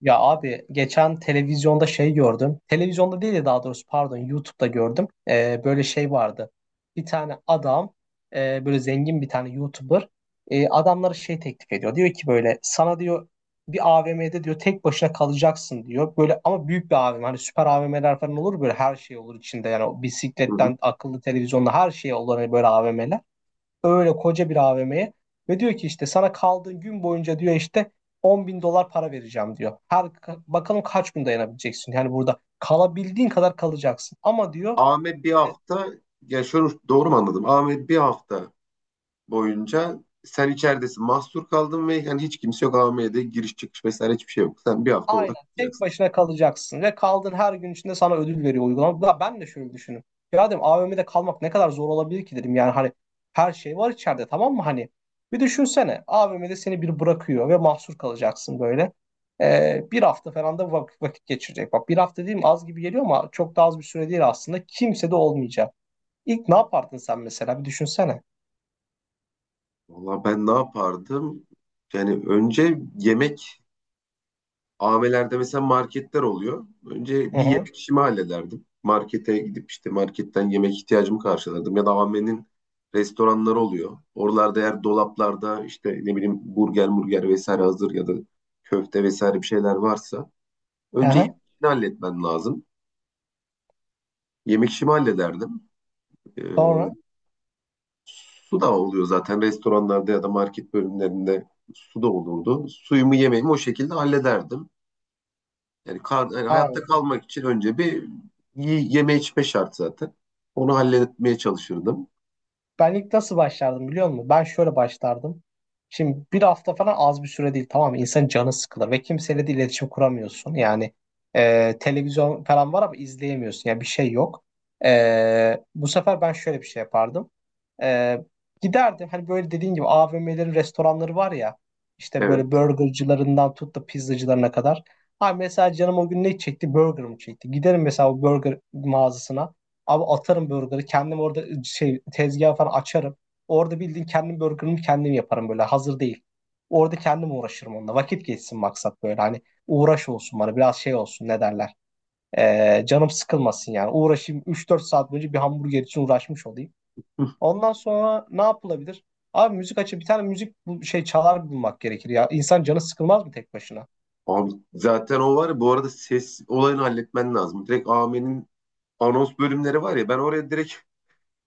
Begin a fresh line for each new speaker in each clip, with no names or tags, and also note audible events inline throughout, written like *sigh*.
Ya abi geçen televizyonda şey gördüm. Televizyonda değil de daha doğrusu pardon YouTube'da gördüm. Böyle şey vardı. Bir tane adam böyle zengin bir tane YouTuber adamlara şey teklif ediyor. Diyor ki böyle sana diyor bir AVM'de diyor tek başına kalacaksın diyor. Böyle ama büyük bir AVM, hani süper AVM'ler falan olur böyle, her şey olur içinde. Yani o
Hı hı.
bisikletten akıllı televizyonda her şey olur, hani böyle AVM'ler, öyle koca bir AVM'ye ve diyor ki işte sana kaldığın gün boyunca diyor, işte 10.000 dolar para vereceğim diyor. Bakalım kaç gün dayanabileceksin. Yani burada kalabildiğin kadar kalacaksın. Ama diyor
Ahmet bir
e,
hafta, ya şöyle doğru mu anladım? Ahmet bir hafta boyunca sen içeridesin, mahsur kaldın ve yani hiç kimse yok AVM'de, giriş çıkış vesaire hiçbir şey yok. Sen bir hafta
Aynen.
orada
Tek
kalacaksın.
başına kalacaksın ve kaldığın her gün içinde sana ödül veriyor uygulama. Da ben de şöyle düşündüm. Ya dedim AVM'de kalmak ne kadar zor olabilir ki dedim. Yani hani her şey var içeride, tamam mı, hani? Bir düşünsene, AVM'de seni bir bırakıyor ve mahsur kalacaksın böyle. Bir hafta falan da vakit vakit geçirecek. Bak, bir hafta, değil mi, az gibi geliyor ama çok da az bir süre değil aslında. Kimse de olmayacak. İlk ne yapardın sen mesela bir düşünsene.
Valla ben ne yapardım? Yani önce yemek, AVM'lerde mesela marketler oluyor. Önce
Hı
bir
hı.
yemek işimi hallederdim. Markete gidip işte marketten yemek ihtiyacımı karşılardım. Ya da AVM'nin restoranları oluyor. Oralarda eğer dolaplarda işte ne bileyim burger murger vesaire hazır, ya da köfte vesaire bir şeyler varsa
Hı
önce yemek
hı.
işini halletmen lazım. Yemek işimi hallederdim. Ee,
Sonra
Su da oluyor zaten restoranlarda ya da market bölümlerinde, su da olurdu. Suyumu yemeğimi o şekilde hallederdim. Yani, yani hayatta
abi.
kalmak için önce bir yeme içme şart zaten. Onu halletmeye çalışırdım.
Ben ilk nasıl başlardım biliyor musun? Ben şöyle başlardım. Şimdi bir hafta falan az bir süre değil, tamam mı? İnsanın canı sıkılır ve kimseyle de iletişim kuramıyorsun. Yani televizyon falan var ama izleyemiyorsun. Yani bir şey yok. Bu sefer ben şöyle bir şey yapardım. E, Giderdim, hani böyle dediğin gibi AVM'lerin restoranları var ya. İşte böyle
Evet.
burgercılarından tut da pizzacılarına kadar. Ha mesela canım o gün ne çekti? Burger mı çekti? Giderim mesela o burger mağazasına. Abi, atarım burgeri. Kendim orada şey tezgah falan açarım. Orada bildiğin kendim burgerimi kendim yaparım böyle. Hazır değil. Orada kendim uğraşırım onunla. Vakit geçsin, maksat böyle. Hani uğraş olsun bana. Biraz şey olsun, ne derler. Canım sıkılmasın yani. Uğraşayım, 3-4 saat boyunca bir hamburger için uğraşmış olayım.
*laughs* Hı.
Ondan sonra ne yapılabilir? Abi müzik açıp bir tane müzik, bu şey, çalar bulmak gerekir ya. İnsan canı sıkılmaz mı tek başına?
Abi zaten o var ya, bu arada ses olayını halletmen lazım. Direkt Ame'nin anons bölümleri var ya, ben oraya direkt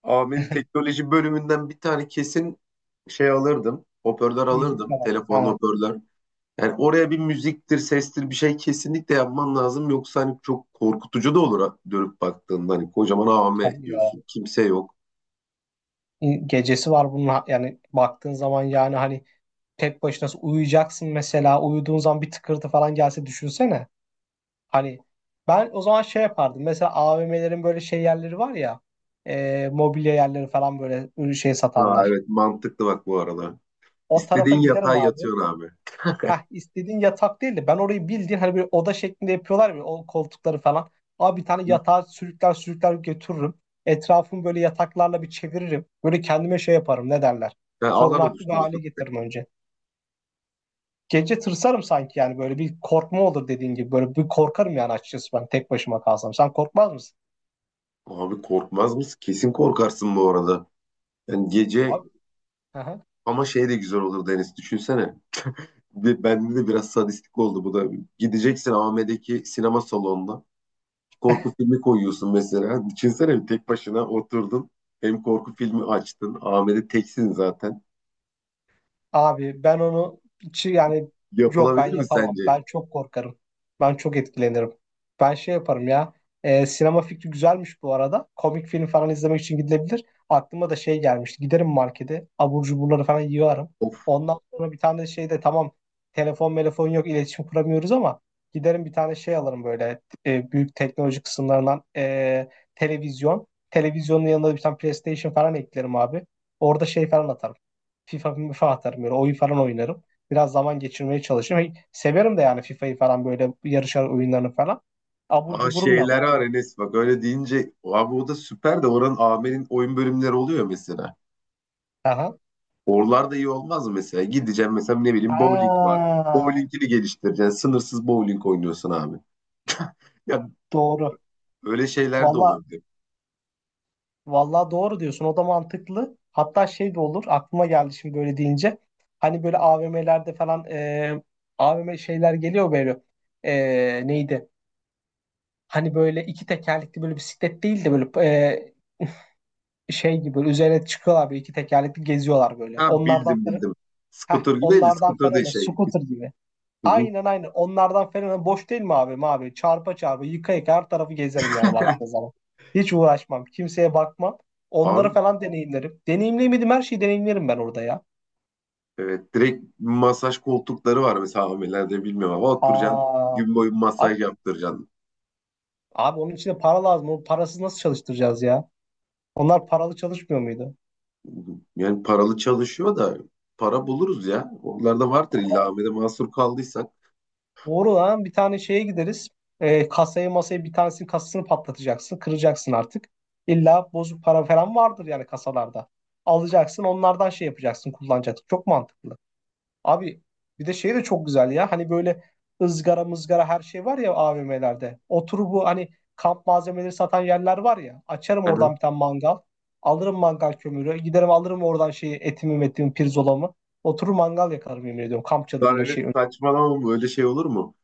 Ame'nin
*laughs*
teknoloji bölümünden bir tane kesin şey alırdım. Hoparlör
Müzik
alırdım.
çalar.
Telefon
Ha,
hoparlör. Yani oraya bir müziktir, sestir bir şey kesinlikle yapman lazım. Yoksa hani çok korkutucu da olur dönüp baktığında. Hani kocaman AM
çalıyor.
diyorsun. Kimse yok.
Ya. Gecesi var bunun yani baktığın zaman, yani hani tek başına uyuyacaksın mesela, uyuduğun zaman bir tıkırtı falan gelse düşünsene. Hani ben o zaman şey yapardım mesela, AVM'lerin böyle şey yerleri var ya, mobilya yerleri falan, böyle ürün şey
Aa,
satanlar.
evet mantıklı bak bu arada.
O tarafa
İstediğin yatağa
giderim abi.
yatıyorsun abi. *laughs*
Heh, istediğin yatak değil de, ben orayı bildiğin hani bir oda şeklinde yapıyorlar ya o koltukları falan. Abi bir tane yatağı sürükler sürükler götürürüm. Etrafımı böyle yataklarla bir çeviririm. Böyle kendime şey yaparım, ne derler.
Ha, alan
Korunaklı bir hale
oluşturursun.
getiririm önce. Gece tırsarım sanki, yani böyle bir korkma olur dediğin gibi. Böyle bir korkarım yani açıkçası, ben tek başıma kalsam. Sen korkmaz mısın?
Abi korkmaz mısın? Kesin korkarsın bu arada. Yani gece,
Abi. Aha.
ama şey de güzel olur Deniz. Düşünsene. Ve bende de biraz sadistik oldu bu da. Gideceksin AVM'deki sinema salonuna. Korku filmi koyuyorsun mesela. Düşünsene, tek başına oturdun. Hem korku filmi açtın. AVM'de teksin zaten.
Abi ben onu hiç, yani yok, ben
Yapılabilir mi
yapamam.
sence?
Ben çok korkarım. Ben çok etkilenirim. Ben şey yaparım ya. Sinema fikri güzelmiş bu arada. Komik film falan izlemek için gidilebilir. Aklıma da şey gelmişti. Giderim markete. Abur cuburları falan yiyorum.
O,
Ondan sonra bir tane şey de tamam. Telefon telefon yok, iletişim kuramıyoruz ama giderim bir tane şey alırım böyle, büyük teknoloji kısımlarından, televizyon. Televizyonun yanına da bir tane PlayStation falan eklerim abi. Orada şey falan atarım. FIFA atarım böyle, oyun falan oynarım. Biraz zaman geçirmeye çalışırım. Hey, severim de yani FIFA'yı falan böyle, yarışar, oyunlarını falan. Abur
aa
cuburum da var.
şeyler var Enes, bak öyle deyince abi o da süper de, oranın AM'nin oyun bölümleri oluyor mesela.
Aha.
Oralar da iyi olmaz mı mesela? Gideceğim mesela, ne bileyim, bowling var.
Ha,
Bowling'ini geliştireceksin. Sınırsız bowling oynuyorsun abi. Ya
doğru.
öyle şeyler de
Valla
olabilir.
valla doğru diyorsun. O da mantıklı. Hatta şey de olur. Aklıma geldi şimdi böyle deyince. Hani böyle AVM'lerde falan, AVM şeyler geliyor böyle. E, neydi? Hani böyle iki tekerlekli, böyle bisiklet değil de böyle şey gibi, böyle üzerine çıkıyorlar, böyle iki tekerlekli geziyorlar böyle.
Ha, bildim.
Heh,
Scooter gibi değil de,
onlardan
scooter değil
Ferhan'a,
şey.
scooter gibi.
Hı hı.
Aynen aynen, onlardan Ferhan'a, boş değil mi abi? Abi çarpa çarpa, yıka yıka her tarafı gezerim yani baktığı zaman. Hiç uğraşmam. Kimseye bakmam. Onları
Abi
falan deneyimlerim. Deneyimleyemedim, her şeyi deneyimlerim ben orada ya.
evet, direkt masaj koltukları var mesela AM'lerde, bilmiyorum ama oturacaksın,
Aa,
gün boyu
abi,
masaj yaptıracaksın.
abi onun için de para lazım. O parasız nasıl çalıştıracağız ya? Onlar paralı çalışmıyor muydu?
Yani paralı çalışıyor da, para buluruz ya. Onlarda vardır illa, AVM'de mahsur kaldıysak.
Doğru lan, bir tane şeye gideriz. Kasaya masaya, bir tanesinin kasasını patlatacaksın. Kıracaksın artık. İlla bozuk para falan vardır yani kasalarda. Alacaksın onlardan, şey yapacaksın, kullanacaksın. Çok mantıklı. Abi bir de şey de çok güzel ya. Hani böyle ızgara mızgara her şey var ya AVM'lerde. Oturup bu hani kamp malzemeleri satan yerler var ya. Açarım
Aha.
oradan bir tane mangal. Alırım mangal kömürü. Giderim alırım oradan şeyi, etimi metimi, pirzolamı. Oturur mangal yakarım, yemin ediyorum. Kamp
Lan
çadırına
öyle
şey.
saçmalama, öyle şey olur mu?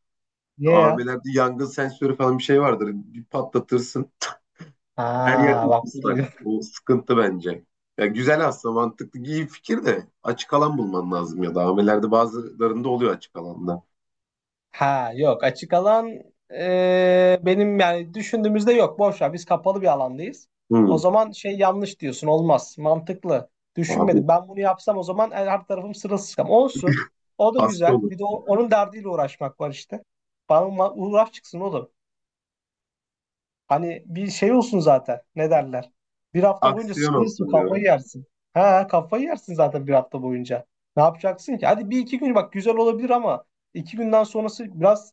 Niye ya?
AVM'lerde yangın sensörü falan bir şey vardır. Bir patlatırsın.
Ha
Her yer
bak, bu da
ıslak.
güzel.
O sıkıntı bence. Ya güzel aslında, mantıklı, iyi fikir de açık alan bulman lazım, ya da AVM'lerde bazılarında oluyor açık alanda.
Ha yok, açık alan, benim yani düşündüğümüzde yok, boş ver, biz kapalı bir alandayız. O
Hı.
zaman şey, yanlış diyorsun, olmaz, mantıklı
Abi
düşünmedim ben, bunu yapsam o zaman her tarafım sırılsıklam olsun, o da
hasta
güzel,
olur.
bir de onun derdiyle uğraşmak var işte, bana uğraş çıksın oğlum. Hani bir şey olsun zaten. Ne derler? Bir hafta boyunca
Aksiyon
sıkılırsın,
olsun ya.
kafayı yersin. Ha, kafayı yersin zaten bir hafta boyunca. Ne yapacaksın ki? Hadi 1-2 gün bak güzel olabilir ama, 2 günden sonrası biraz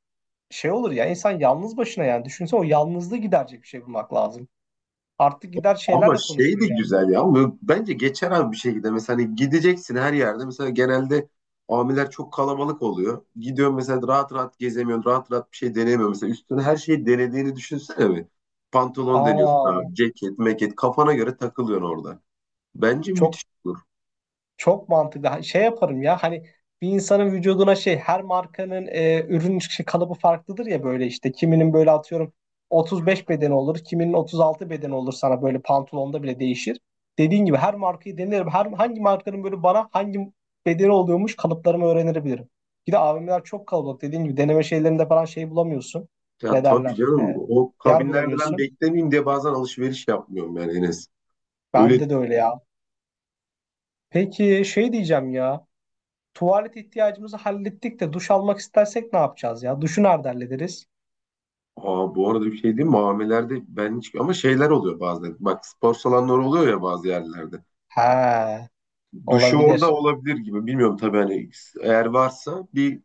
şey olur ya insan, yalnız başına yani. Düşünsene, o yalnızlığı giderecek bir şey bulmak lazım. Artık gider
Ama
şeylerle
şey de
konuşurum yani.
güzel ya. Ama bence geçer abi bir şekilde. Mesela hani gideceksin her yerde. Mesela genelde amiler çok kalabalık oluyor. Gidiyorsun mesela, rahat rahat gezemiyorsun. Rahat rahat bir şey denemiyorsun. Mesela üstüne her şeyi denediğini düşünsene mi? Pantolon deniyorsun abi.
Aa,
Ceket, meket. Kafana göre takılıyorsun orada. Bence
çok
müthiş olur.
Çok mantıklı. Şey yaparım ya hani, bir insanın vücuduna şey, her markanın ürün çıkışı kalıbı farklıdır ya, böyle işte. Kiminin böyle atıyorum 35 beden olur, kiminin 36 beden olur sana, böyle pantolonda bile değişir. Dediğin gibi her markayı denerim. Hangi markanın böyle bana hangi bedeni oluyormuş, kalıplarımı öğrenebilirim. Bir de AVM'ler çok kalabalık. Dediğin gibi deneme şeylerinde falan şey bulamıyorsun.
Ya
Ne
tabii
derler? E,
canım. O
yer
kabinlerde ben
bulamıyorsun.
beklemeyeyim diye bazen alışveriş yapmıyorum yani Enes. Öyle,
Bende de öyle ya. Peki şey diyeceğim ya. Tuvalet ihtiyacımızı hallettik de, duş almak istersek ne yapacağız ya? Duşu nerede hallederiz?
aa, bu arada bir şey diyeyim mi? Amilerde ben hiç... Ama şeyler oluyor bazen. Bak spor salonları oluyor ya bazı yerlerde.
He,
Duşu
olabilir.
orada olabilir gibi. Bilmiyorum tabii, hani eğer varsa bir,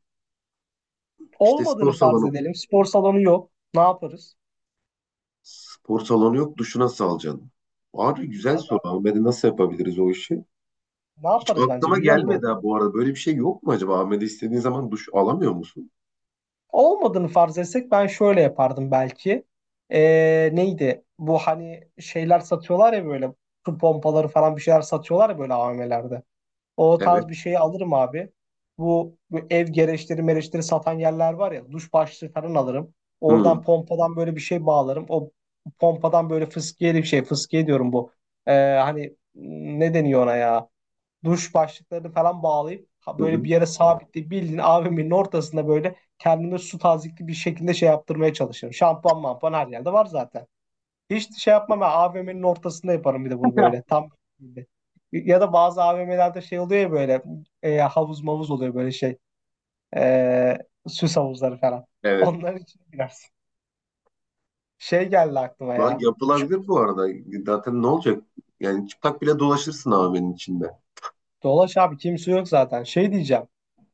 işte spor
Olmadığını farz
salonu,
edelim. Spor salonu yok. Ne yaparız?
spor salonu yok, duşu nasıl alacaksın? Abi güzel
Tabii
soru,
abi.
Ahmet'e nasıl yapabiliriz o işi?
Ne
Hiç
yaparız bence,
aklıma
biliyor musun?
gelmedi ha, bu arada. Böyle bir şey yok mu acaba? Ahmet'e istediğin zaman duş alamıyor musun?
Olmadığını farz etsek ben şöyle yapardım belki. Neydi? Bu hani şeyler satıyorlar ya böyle, su pompaları falan bir şeyler satıyorlar ya böyle AVM'lerde. O tarz bir
Evet.
şeyi alırım abi. Bu ev gereçleri mereçleri satan yerler var ya. Duş başlığı falan alırım.
Hmm.
Oradan pompadan böyle bir şey bağlarım. O pompadan böyle fıskiye bir şey. Fıskiye diyorum bu. Hani ne deniyor ona ya? Duş başlıklarını falan bağlayıp
Hı
böyle
hı.
bir yere sabitleyip, bildiğin AVM'nin ortasında böyle kendime su tazikli bir şekilde şey yaptırmaya çalışırım. Şampuan mampuan her yerde var zaten. Hiç şey yapmam, ben AVM'nin ortasında yaparım bir de bunu, böyle tam böyle. Ya da bazı AVM'lerde şey oluyor ya böyle, havuz mavuz oluyor, böyle şey, e, süs havuzları falan.
Evet.
Onların içine girersin. Şey geldi aklıma
Lan
ya. Ç-
yapılabilir bu arada. Zaten ne olacak? Yani çıplak bile dolaşırsın Ahmet'in içinde.
Dolaş abi, kimse yok zaten. Şey diyeceğim.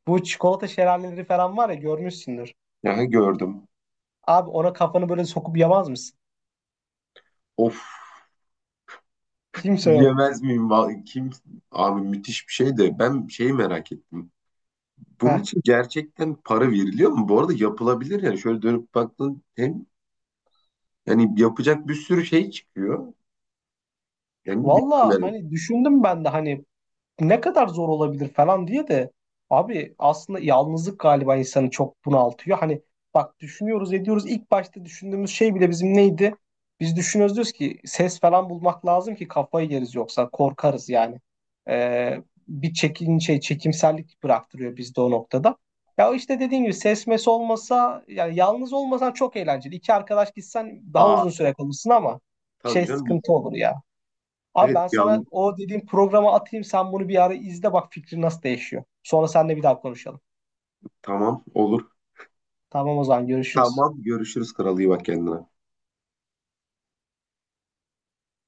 Bu çikolata şelaleleri falan var ya, görmüşsündür.
Aha, gördüm.
Abi ona kafanı böyle sokup yamaz mısın?
Of.
Kimse yok.
Yemez miyim? Kim? Abi müthiş bir şey de, ben şeyi merak ettim. Bunun
Heh.
için gerçekten para veriliyor mu? Bu arada yapılabilir yani. Şöyle dönüp baktın hem, yani yapacak bir sürü şey çıkıyor. Yani bilmiyorum
Valla
yani.
hani düşündüm ben de, hani ne kadar zor olabilir falan diye de, abi aslında yalnızlık galiba insanı çok bunaltıyor. Hani bak, düşünüyoruz ediyoruz, ilk başta düşündüğümüz şey bile bizim neydi? Biz düşünüyoruz diyoruz ki ses falan bulmak lazım ki kafayı yeriz, yoksa korkarız yani. Ee, bir çekin şey çekimsellik bıraktırıyor bizde o noktada. Ya işte dediğim gibi ses mes olmasa, yani yalnız olmasan, çok eğlenceli. İki arkadaş gitsen daha
Aa
uzun süre kalırsın ama
tabii
şey
canım.
sıkıntı olur ya. Abi
Evet
ben sana
yan
o dediğim programı atayım. Sen bunu bir ara izle, bak fikrin nasıl değişiyor. Sonra seninle bir daha konuşalım.
tamam olur.
Tamam o zaman, görüşürüz.
Tamam, görüşürüz kral, iyi bak kendine.